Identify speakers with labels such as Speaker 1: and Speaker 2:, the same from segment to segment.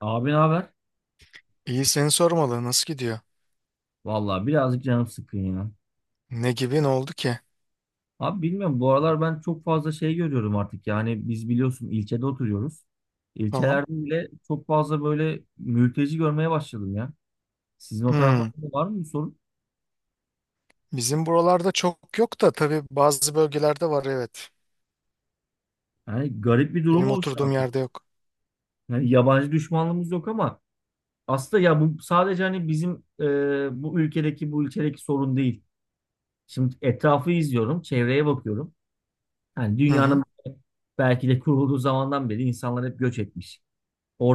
Speaker 1: Abi ne haber?
Speaker 2: İyi seni sormalı. Nasıl gidiyor?
Speaker 1: Vallahi birazcık canım sıkkın ya.
Speaker 2: Ne gibi ne oldu ki?
Speaker 1: Abi bilmiyorum bu aralar ben çok fazla şey görüyorum artık. Yani biz biliyorsun ilçede oturuyoruz.
Speaker 2: Tamam.
Speaker 1: İlçelerde bile çok fazla böyle mülteci görmeye başladım ya. Sizin o
Speaker 2: Hmm.
Speaker 1: taraflarda da var mı bu sorun?
Speaker 2: Bizim buralarda çok yok da tabii bazı bölgelerde var evet.
Speaker 1: Yani garip bir durum
Speaker 2: Benim
Speaker 1: oluştu
Speaker 2: oturduğum
Speaker 1: artık.
Speaker 2: yerde yok.
Speaker 1: Yani yabancı düşmanlığımız yok ama aslında ya bu sadece hani bizim bu ülkedeki bu ilçedeki sorun değil. Şimdi etrafı izliyorum, çevreye bakıyorum. Yani
Speaker 2: Hı hı.
Speaker 1: dünyanın belki de kurulduğu zamandan beri insanlar hep göç etmiş.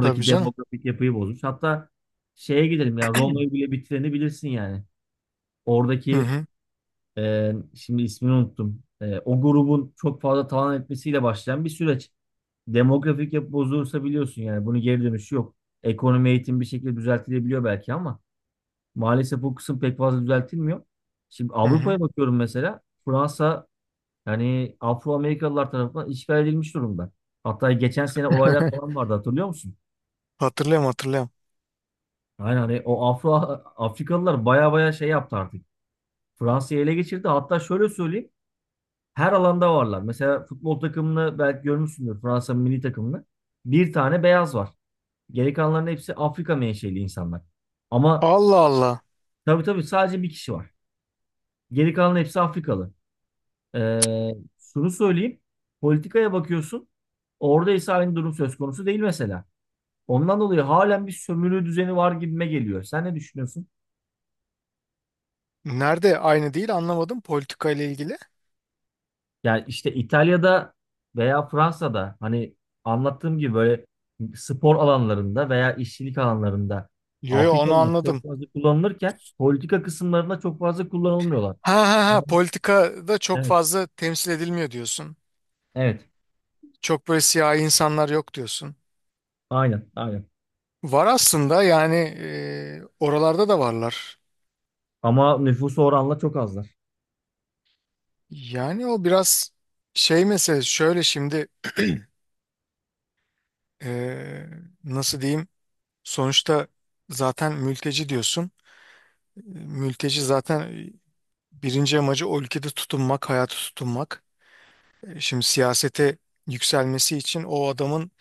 Speaker 2: Tabii canım.
Speaker 1: demografik yapıyı bozmuş. Hatta şeye gidelim ya Roma'yı bile bitireni bilirsin yani.
Speaker 2: Hı
Speaker 1: Oradaki
Speaker 2: hı.
Speaker 1: şimdi ismini unuttum. O grubun çok fazla talan etmesiyle başlayan bir süreç. Demografik yapı bozulursa biliyorsun yani bunun geri dönüşü yok. Ekonomi eğitim bir şekilde düzeltilebiliyor belki ama maalesef bu kısım pek fazla düzeltilmiyor. Şimdi
Speaker 2: Hı hı.
Speaker 1: Avrupa'ya bakıyorum mesela Fransa yani Afro-Amerikalılar tarafından işgal edilmiş durumda. Hatta geçen sene olaylar falan vardı hatırlıyor musun?
Speaker 2: Hatırlıyorum hatırlıyorum.
Speaker 1: Aynen hani o Afro Afrikalılar baya baya şey yaptı artık. Fransa'yı ele geçirdi. Hatta şöyle söyleyeyim. Her alanda varlar. Mesela futbol takımını belki görmüşsündür. Fransa milli takımını. Bir tane beyaz var. Geri kalanların hepsi Afrika menşeli insanlar. Ama
Speaker 2: Allah Allah.
Speaker 1: tabii tabii sadece bir kişi var. Geri kalanların hepsi Afrikalı. Ee, şunu söyleyeyim. Politikaya bakıyorsun. Orada ise aynı durum söz konusu değil mesela. Ondan dolayı halen bir sömürü düzeni var gibime geliyor. Sen ne düşünüyorsun?
Speaker 2: Nerede? Aynı değil anlamadım politika ile ilgili.
Speaker 1: Yani işte İtalya'da veya Fransa'da hani anlattığım gibi böyle spor alanlarında veya işçilik alanlarında
Speaker 2: Yo yo onu
Speaker 1: Afrikalılar çok
Speaker 2: anladım.
Speaker 1: fazla kullanılırken politika kısımlarında çok fazla kullanılmıyorlar.
Speaker 2: Ha ha ha
Speaker 1: Ben-
Speaker 2: politikada çok
Speaker 1: Evet.
Speaker 2: fazla temsil edilmiyor diyorsun.
Speaker 1: Evet.
Speaker 2: Çok böyle siyahi insanlar yok diyorsun.
Speaker 1: Aynen. Aynen.
Speaker 2: Var aslında yani oralarda da varlar.
Speaker 1: Ama nüfusu oranla çok azlar.
Speaker 2: Yani o biraz şey mesela şöyle şimdi eee, nasıl diyeyim, sonuçta zaten mülteci diyorsun. E, Mülteci zaten birinci amacı o ülkede tutunmak, hayatı tutunmak. Şimdi siyasete yükselmesi için o adamın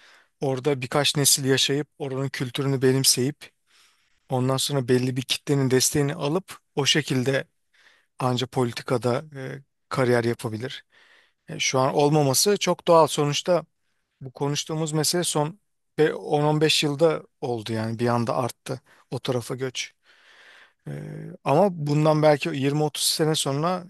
Speaker 2: orada birkaç nesil yaşayıp oranın kültürünü benimseyip ondan sonra belli bir kitlenin desteğini alıp o şekilde anca politikada kariyer yapabilir. Şu an olmaması çok doğal sonuçta. Bu konuştuğumuz mesele son ve 10-15 yılda oldu, yani bir anda arttı o tarafa göç. Ama bundan belki 20-30 sene sonra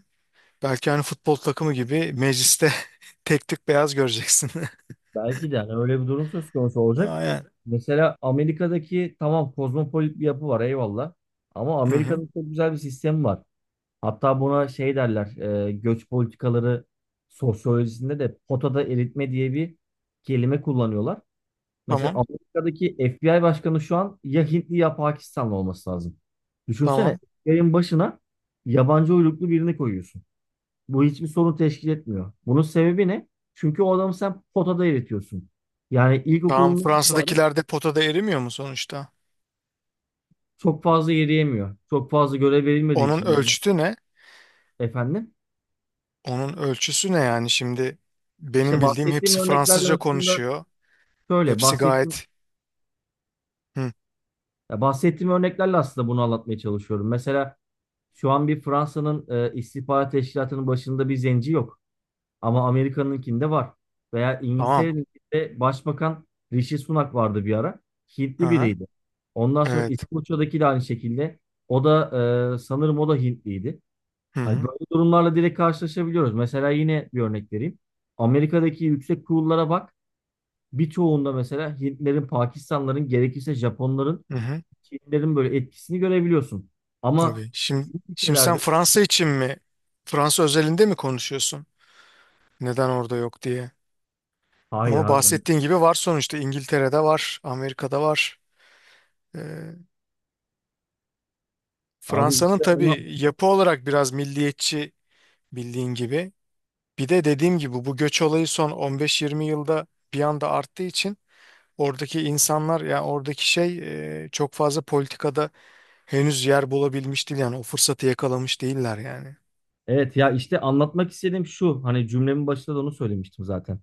Speaker 2: belki hani futbol takımı gibi mecliste tek tük beyaz göreceksin.
Speaker 1: Belki de yani öyle bir durum söz konusu olacak.
Speaker 2: Aynen.
Speaker 1: Mesela Amerika'daki tamam kozmopolit bir yapı var eyvallah. Ama
Speaker 2: Hı
Speaker 1: Amerika'da
Speaker 2: hı.
Speaker 1: çok güzel bir sistem var. Hatta buna şey derler, göç politikaları sosyolojisinde de potada eritme diye bir kelime kullanıyorlar. Mesela
Speaker 2: Tamam.
Speaker 1: Amerika'daki FBI başkanı şu an ya Hintli ya Pakistanlı olması lazım. Düşünsene,
Speaker 2: Tamam.
Speaker 1: yayın başına yabancı uyruklu birini koyuyorsun. Bu hiçbir sorun teşkil etmiyor. Bunun sebebi ne? Çünkü o adamı sen potada eritiyorsun. Yani
Speaker 2: Tamam.
Speaker 1: ilkokulundan itibaren
Speaker 2: Fransa'dakiler de potada erimiyor mu sonuçta?
Speaker 1: çok fazla yürüyemiyor. Çok fazla görev verilmediği
Speaker 2: Onun
Speaker 1: için yani
Speaker 2: ölçütü ne?
Speaker 1: efendim.
Speaker 2: Onun ölçüsü ne yani şimdi?
Speaker 1: İşte
Speaker 2: Benim bildiğim
Speaker 1: bahsettiğim
Speaker 2: hepsi
Speaker 1: örneklerle
Speaker 2: Fransızca
Speaker 1: aslında
Speaker 2: konuşuyor.
Speaker 1: Şöyle
Speaker 2: Hepsi
Speaker 1: bahsettiğim
Speaker 2: gayet. Hı.
Speaker 1: Ya bahsettiğim örneklerle aslında bunu anlatmaya çalışıyorum. Mesela şu an bir Fransa'nın istihbarat teşkilatının başında bir zenci yok. Ama Amerika'nınkinde var. Veya
Speaker 2: Tamam.
Speaker 1: İngiltere'de başbakan Rishi Sunak vardı bir ara.
Speaker 2: Hı
Speaker 1: Hintli
Speaker 2: hı.
Speaker 1: biriydi. Ondan sonra
Speaker 2: Evet.
Speaker 1: İskoçya'daki de aynı şekilde. O da sanırım o da Hintliydi.
Speaker 2: Hı
Speaker 1: Hani
Speaker 2: hı.
Speaker 1: böyle durumlarla direkt karşılaşabiliyoruz. Mesela yine bir örnek vereyim. Amerika'daki yüksek kurullara bak. Birçoğunda mesela Hintlerin, Pakistanların, gerekirse Japonların
Speaker 2: Hı hı.
Speaker 1: şeylerin böyle etkisini görebiliyorsun. Ama
Speaker 2: Tabii. Şimdi,
Speaker 1: bizim ülkelerde
Speaker 2: sen Fransa için mi? Fransa özelinde mi konuşuyorsun? Neden orada yok diye.
Speaker 1: hayır
Speaker 2: Ama
Speaker 1: harbiden.
Speaker 2: bahsettiğin gibi var sonuçta. İngiltere'de var, Amerika'da var. Ee,
Speaker 1: Abi
Speaker 2: Fransa'nın
Speaker 1: işte onu
Speaker 2: tabii yapı olarak biraz milliyetçi, bildiğin gibi. Bir de dediğim gibi bu göç olayı son 15-20 yılda bir anda arttığı için oradaki insanlar ya oradaki şey çok fazla politikada henüz yer bulabilmiş değil, yani o fırsatı yakalamış değiller yani.
Speaker 1: evet ya işte anlatmak istediğim şu hani cümlemin başında da onu söylemiştim zaten.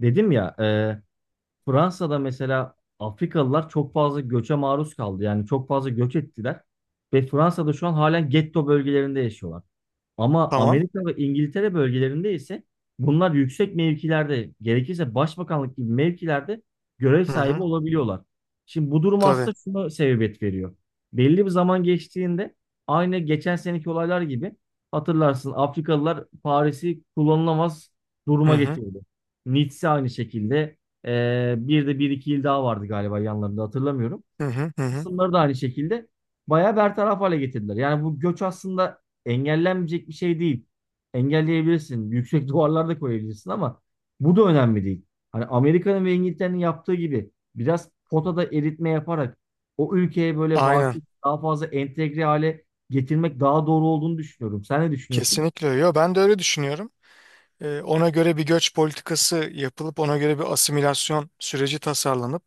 Speaker 1: Dedim ya Fransa'da mesela Afrikalılar çok fazla göçe maruz kaldı. Yani çok fazla göç ettiler. Ve Fransa'da şu an halen getto bölgelerinde yaşıyorlar. Ama
Speaker 2: Tamam.
Speaker 1: Amerika ve İngiltere bölgelerinde ise bunlar yüksek mevkilerde, gerekirse başbakanlık gibi mevkilerde görev
Speaker 2: Hı
Speaker 1: sahibi
Speaker 2: hı.
Speaker 1: olabiliyorlar. Şimdi bu durum
Speaker 2: Tabii.
Speaker 1: aslında şuna sebebiyet veriyor. Belli bir zaman geçtiğinde aynı geçen seneki olaylar gibi hatırlarsın Afrikalılar Paris'i kullanılamaz
Speaker 2: Hı
Speaker 1: duruma
Speaker 2: hı.
Speaker 1: getirdi. Nice aynı şekilde. Bir de bir iki il daha vardı galiba yanlarında hatırlamıyorum
Speaker 2: Hı hı. Hı hı.
Speaker 1: kısımları da aynı şekilde bayağı bertaraf hale getirdiler. Yani bu göç aslında engellenmeyecek bir şey değil. Engelleyebilirsin. Yüksek duvarlar da koyabilirsin ama bu da önemli değil. Hani Amerika'nın ve İngiltere'nin yaptığı gibi biraz potada eritme yaparak o ülkeye böyle
Speaker 2: Aynen.
Speaker 1: vakıf daha fazla entegre hale getirmek daha doğru olduğunu düşünüyorum. Sen ne düşünüyorsun?
Speaker 2: Kesinlikle. Öyle. Yo, ben de öyle düşünüyorum. Ona göre bir göç politikası yapılıp ona göre bir asimilasyon süreci tasarlanıp,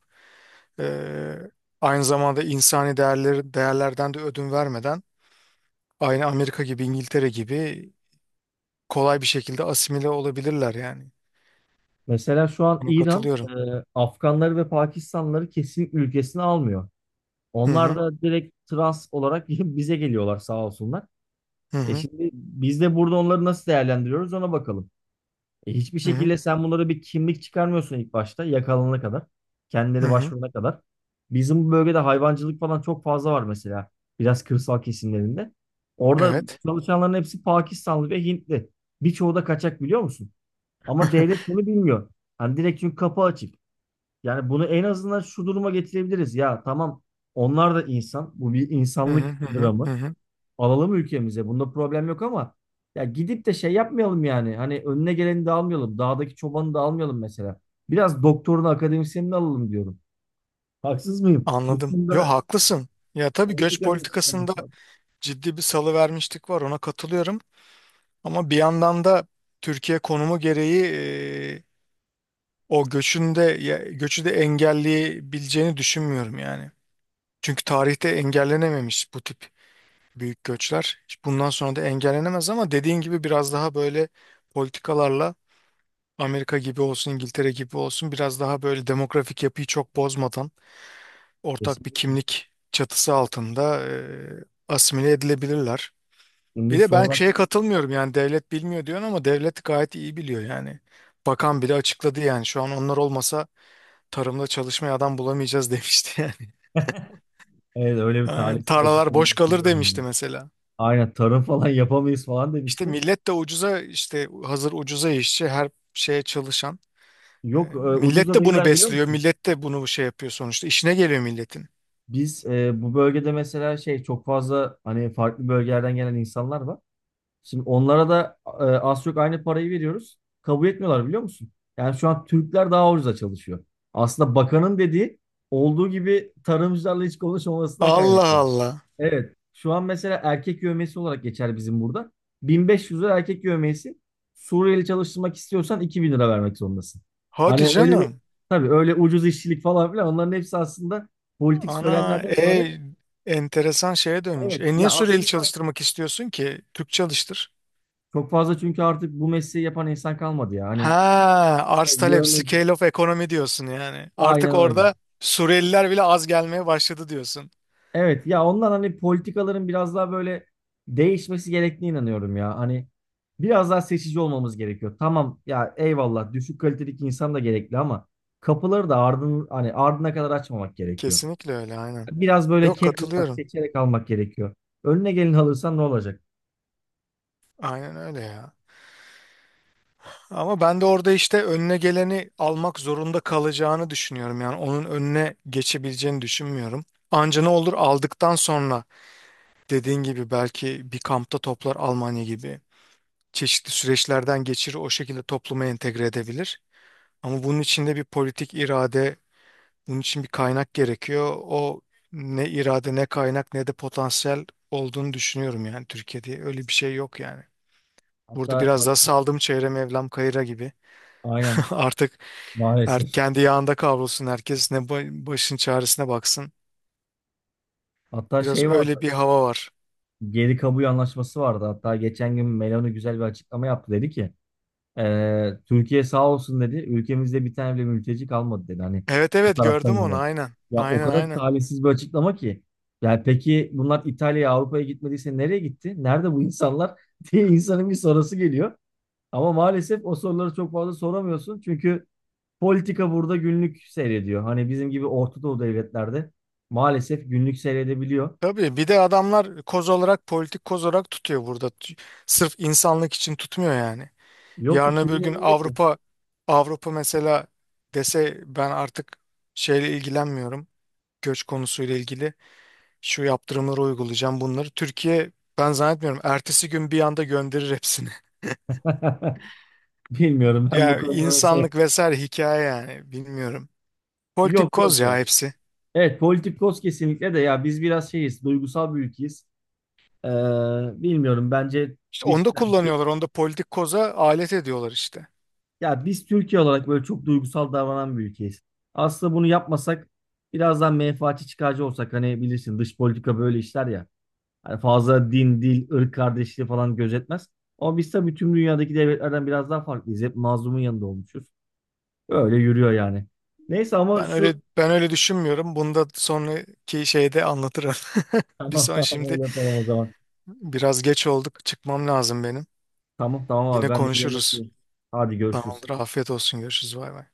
Speaker 2: Ee, aynı zamanda insani değerleri, değerlerden de ödün vermeden, aynı Amerika gibi İngiltere gibi kolay bir şekilde asimile olabilirler yani.
Speaker 1: Mesela şu an
Speaker 2: Buna
Speaker 1: İran
Speaker 2: katılıyorum.
Speaker 1: Afganları ve Pakistanlıları kesin ülkesine almıyor.
Speaker 2: Hı
Speaker 1: Onlar
Speaker 2: hı
Speaker 1: da direkt trans olarak bize geliyorlar sağ olsunlar.
Speaker 2: hı
Speaker 1: E
Speaker 2: hı
Speaker 1: şimdi biz de burada onları nasıl değerlendiriyoruz ona bakalım. Hiçbir
Speaker 2: hı hı.
Speaker 1: şekilde sen bunlara bir kimlik çıkarmıyorsun ilk başta yakalanana kadar.
Speaker 2: hı
Speaker 1: Kendileri
Speaker 2: hı.
Speaker 1: başvurana kadar. Bizim bu bölgede hayvancılık falan çok fazla var mesela. Biraz kırsal kesimlerinde. Orada
Speaker 2: Evet.
Speaker 1: çalışanların hepsi Pakistanlı ve Hintli. Birçoğu da kaçak biliyor musun? Ama devlet bunu bilmiyor. Hani direkt çünkü kapı açık. Yani bunu en azından şu duruma getirebiliriz. Ya tamam onlar da insan. Bu bir
Speaker 2: Hı hı
Speaker 1: insanlık
Speaker 2: hı hı hı.
Speaker 1: dramı.
Speaker 2: Hı.
Speaker 1: Alalım ülkemize. Bunda problem yok ama ya gidip de şey yapmayalım yani. Hani önüne geleni de almayalım. Dağdaki çobanı da almayalım mesela. Biraz doktorunu, akademisyenini alalım diyorum. Haksız mıyım? Bu
Speaker 2: Anladım. Yo
Speaker 1: konuda
Speaker 2: haklısın. Ya tabii göç
Speaker 1: politika da
Speaker 2: politikasında
Speaker 1: açıklaması lazım.
Speaker 2: ciddi bir salıvermişlik var, ona katılıyorum. Ama bir yandan da Türkiye konumu gereği e, o göçün de göçü de engelleyebileceğini düşünmüyorum yani. Çünkü tarihte engellenememiş bu tip büyük göçler. Bundan sonra da engellenemez, ama dediğin gibi biraz daha böyle politikalarla, Amerika gibi olsun, İngiltere gibi olsun, biraz daha böyle demografik yapıyı çok bozmadan ortak bir
Speaker 1: Kesinlikle.
Speaker 2: kimlik çatısı altında asimile edilebilirler.
Speaker 1: Şimdi
Speaker 2: Bir de ben
Speaker 1: sonra
Speaker 2: şeye katılmıyorum, yani devlet bilmiyor diyorsun ama devlet gayet iyi biliyor yani. Bakan bile açıkladı yani, şu an onlar olmasa tarımda çalışmaya adam bulamayacağız demişti
Speaker 1: evet, öyle bir
Speaker 2: yani.
Speaker 1: talihsiz
Speaker 2: Tarlalar
Speaker 1: açıklama
Speaker 2: boş kalır
Speaker 1: yapıyorum
Speaker 2: demişti
Speaker 1: yani.
Speaker 2: mesela.
Speaker 1: Aynen tarım falan yapamayız falan
Speaker 2: İşte
Speaker 1: demişti.
Speaker 2: millet de ucuza, işte hazır ucuza işçi her şeye çalışan.
Speaker 1: Yok
Speaker 2: Millet
Speaker 1: ucuza
Speaker 2: de bunu
Speaker 1: değiller biliyor
Speaker 2: besliyor.
Speaker 1: musun?
Speaker 2: Millet de bunu şey yapıyor sonuçta. İşine geliyor milletin.
Speaker 1: Biz bu bölgede mesela şey çok fazla hani farklı bölgelerden gelen insanlar var. Şimdi onlara da az çok aynı parayı veriyoruz. Kabul etmiyorlar biliyor musun? Yani şu an Türkler daha ucuza çalışıyor. Aslında bakanın dediği olduğu gibi tarımcılarla hiç konuşmamasından
Speaker 2: Allah
Speaker 1: kaynaklı.
Speaker 2: Allah.
Speaker 1: Evet. Şu an mesela erkek yövmiyesi olarak geçer bizim burada. 1.500 lira erkek yövmiyesi. Suriyeli çalıştırmak istiyorsan 2.000 lira vermek zorundasın.
Speaker 2: Hadi
Speaker 1: Hani öyle bir,
Speaker 2: canım.
Speaker 1: tabii öyle ucuz işçilik falan filan onların hepsi aslında politik
Speaker 2: Ana
Speaker 1: söylemlerden ibaret.
Speaker 2: enteresan şeye dönmüş.
Speaker 1: Evet ya
Speaker 2: Niye süreli
Speaker 1: aslında
Speaker 2: çalıştırmak istiyorsun ki? Türk çalıştır.
Speaker 1: çok fazla çünkü artık bu mesleği yapan insan kalmadı ya.
Speaker 2: Ha,
Speaker 1: Hani
Speaker 2: arz talep,
Speaker 1: Yönetici.
Speaker 2: scale of economy diyorsun yani.
Speaker 1: Aynen
Speaker 2: Artık
Speaker 1: öyle.
Speaker 2: orada Suriyeliler bile az gelmeye başladı diyorsun.
Speaker 1: Evet ya ondan hani politikaların biraz daha böyle değişmesi gerektiğine inanıyorum ya. Hani biraz daha seçici olmamız gerekiyor. Tamam ya eyvallah düşük kalitelik insan da gerekli ama kapıları da ardın hani ardına kadar açmamak gerekiyor.
Speaker 2: Kesinlikle öyle, aynen.
Speaker 1: Biraz böyle
Speaker 2: Yok,
Speaker 1: ketlemek,
Speaker 2: katılıyorum.
Speaker 1: seçerek almak gerekiyor. Önüne gelin alırsan ne olacak?
Speaker 2: Aynen öyle ya. Ama ben de orada işte önüne geleni almak zorunda kalacağını düşünüyorum. Yani onun önüne geçebileceğini düşünmüyorum. Anca ne olur aldıktan sonra dediğin gibi belki bir kampta toplar Almanya gibi. Çeşitli süreçlerden geçirir, o şekilde topluma entegre edebilir. Ama bunun için de bir politik irade, bunun için bir kaynak gerekiyor. O ne irade ne kaynak ne de potansiyel olduğunu düşünüyorum yani, Türkiye'de öyle bir şey yok yani. Burada
Speaker 1: Hatta
Speaker 2: biraz daha saldım çevrem evlam kayıra gibi.
Speaker 1: aynen
Speaker 2: Artık her,
Speaker 1: maalesef.
Speaker 2: kendi yağında kavrulsun herkes. Ne başın çaresine baksın.
Speaker 1: Hatta
Speaker 2: Biraz
Speaker 1: şey
Speaker 2: öyle
Speaker 1: vardı.
Speaker 2: bir hava var.
Speaker 1: Geri kabul anlaşması vardı. Hatta geçen gün Meloni güzel bir açıklama yaptı dedi ki Türkiye sağ olsun dedi. Ülkemizde bir tane bile mülteci kalmadı dedi. Hani
Speaker 2: Evet
Speaker 1: bu
Speaker 2: evet,
Speaker 1: taraftan
Speaker 2: gördüm
Speaker 1: yana.
Speaker 2: onu, aynen.
Speaker 1: Ya o
Speaker 2: Aynen
Speaker 1: kadar
Speaker 2: aynen.
Speaker 1: talihsiz bir açıklama ki. Ya peki bunlar İtalya'ya, Avrupa'ya gitmediyse nereye gitti? Nerede bu insanlar diye insanın bir sorusu geliyor. Ama maalesef o soruları çok fazla soramıyorsun. Çünkü politika burada günlük seyrediyor. Hani bizim gibi Orta Doğu devletlerde maalesef günlük seyredebiliyor.
Speaker 2: Tabii bir de adamlar koz olarak, politik koz olarak tutuyor burada. Sırf insanlık için tutmuyor yani.
Speaker 1: Yok ki
Speaker 2: Yarın öbür
Speaker 1: kimin
Speaker 2: gün
Speaker 1: umurunda ki?
Speaker 2: Avrupa, Avrupa mesela dese ben artık şeyle ilgilenmiyorum. Göç konusuyla ilgili şu yaptırımları uygulayacağım bunları. Türkiye, ben zannetmiyorum ertesi gün bir anda gönderir hepsini.
Speaker 1: Bilmiyorum ben bu
Speaker 2: Ya
Speaker 1: konuda mesela.
Speaker 2: insanlık vesaire hikaye yani, bilmiyorum.
Speaker 1: Yok
Speaker 2: Politik koz
Speaker 1: yok ya.
Speaker 2: ya hepsi.
Speaker 1: Evet Politikos kesinlikle de ya biz biraz şeyiz duygusal bir ülkeyiz. Ee, bilmiyorum bence
Speaker 2: İşte
Speaker 1: dış,
Speaker 2: onu da
Speaker 1: yani dış
Speaker 2: kullanıyorlar. Onu da politik koza alet ediyorlar işte.
Speaker 1: ya biz Türkiye olarak böyle çok duygusal davranan bir ülkeyiz. Aslında bunu yapmasak biraz daha menfaatçi çıkarcı olsak hani bilirsin dış politika böyle işler ya. Hani fazla din, dil, ırk kardeşliği falan gözetmez. Ama biz tabii tüm dünyadaki devletlerden biraz daha farklıyız. Hep mazlumun yanında olmuşuz. Öyle yürüyor yani. Neyse ama
Speaker 2: Ben öyle, ben öyle düşünmüyorum. Bunu da sonraki şeyde anlatırım. Bir
Speaker 1: tamam
Speaker 2: son
Speaker 1: tamam
Speaker 2: şimdi
Speaker 1: öyle yapalım o zaman.
Speaker 2: biraz geç olduk. Çıkmam lazım benim.
Speaker 1: Tamam tamam abi
Speaker 2: Yine
Speaker 1: ben de bir yemek
Speaker 2: konuşuruz.
Speaker 1: yiyeyim. Hadi görüşürüz.
Speaker 2: Tamamdır. Afiyet olsun. Görüşürüz. Bay bay.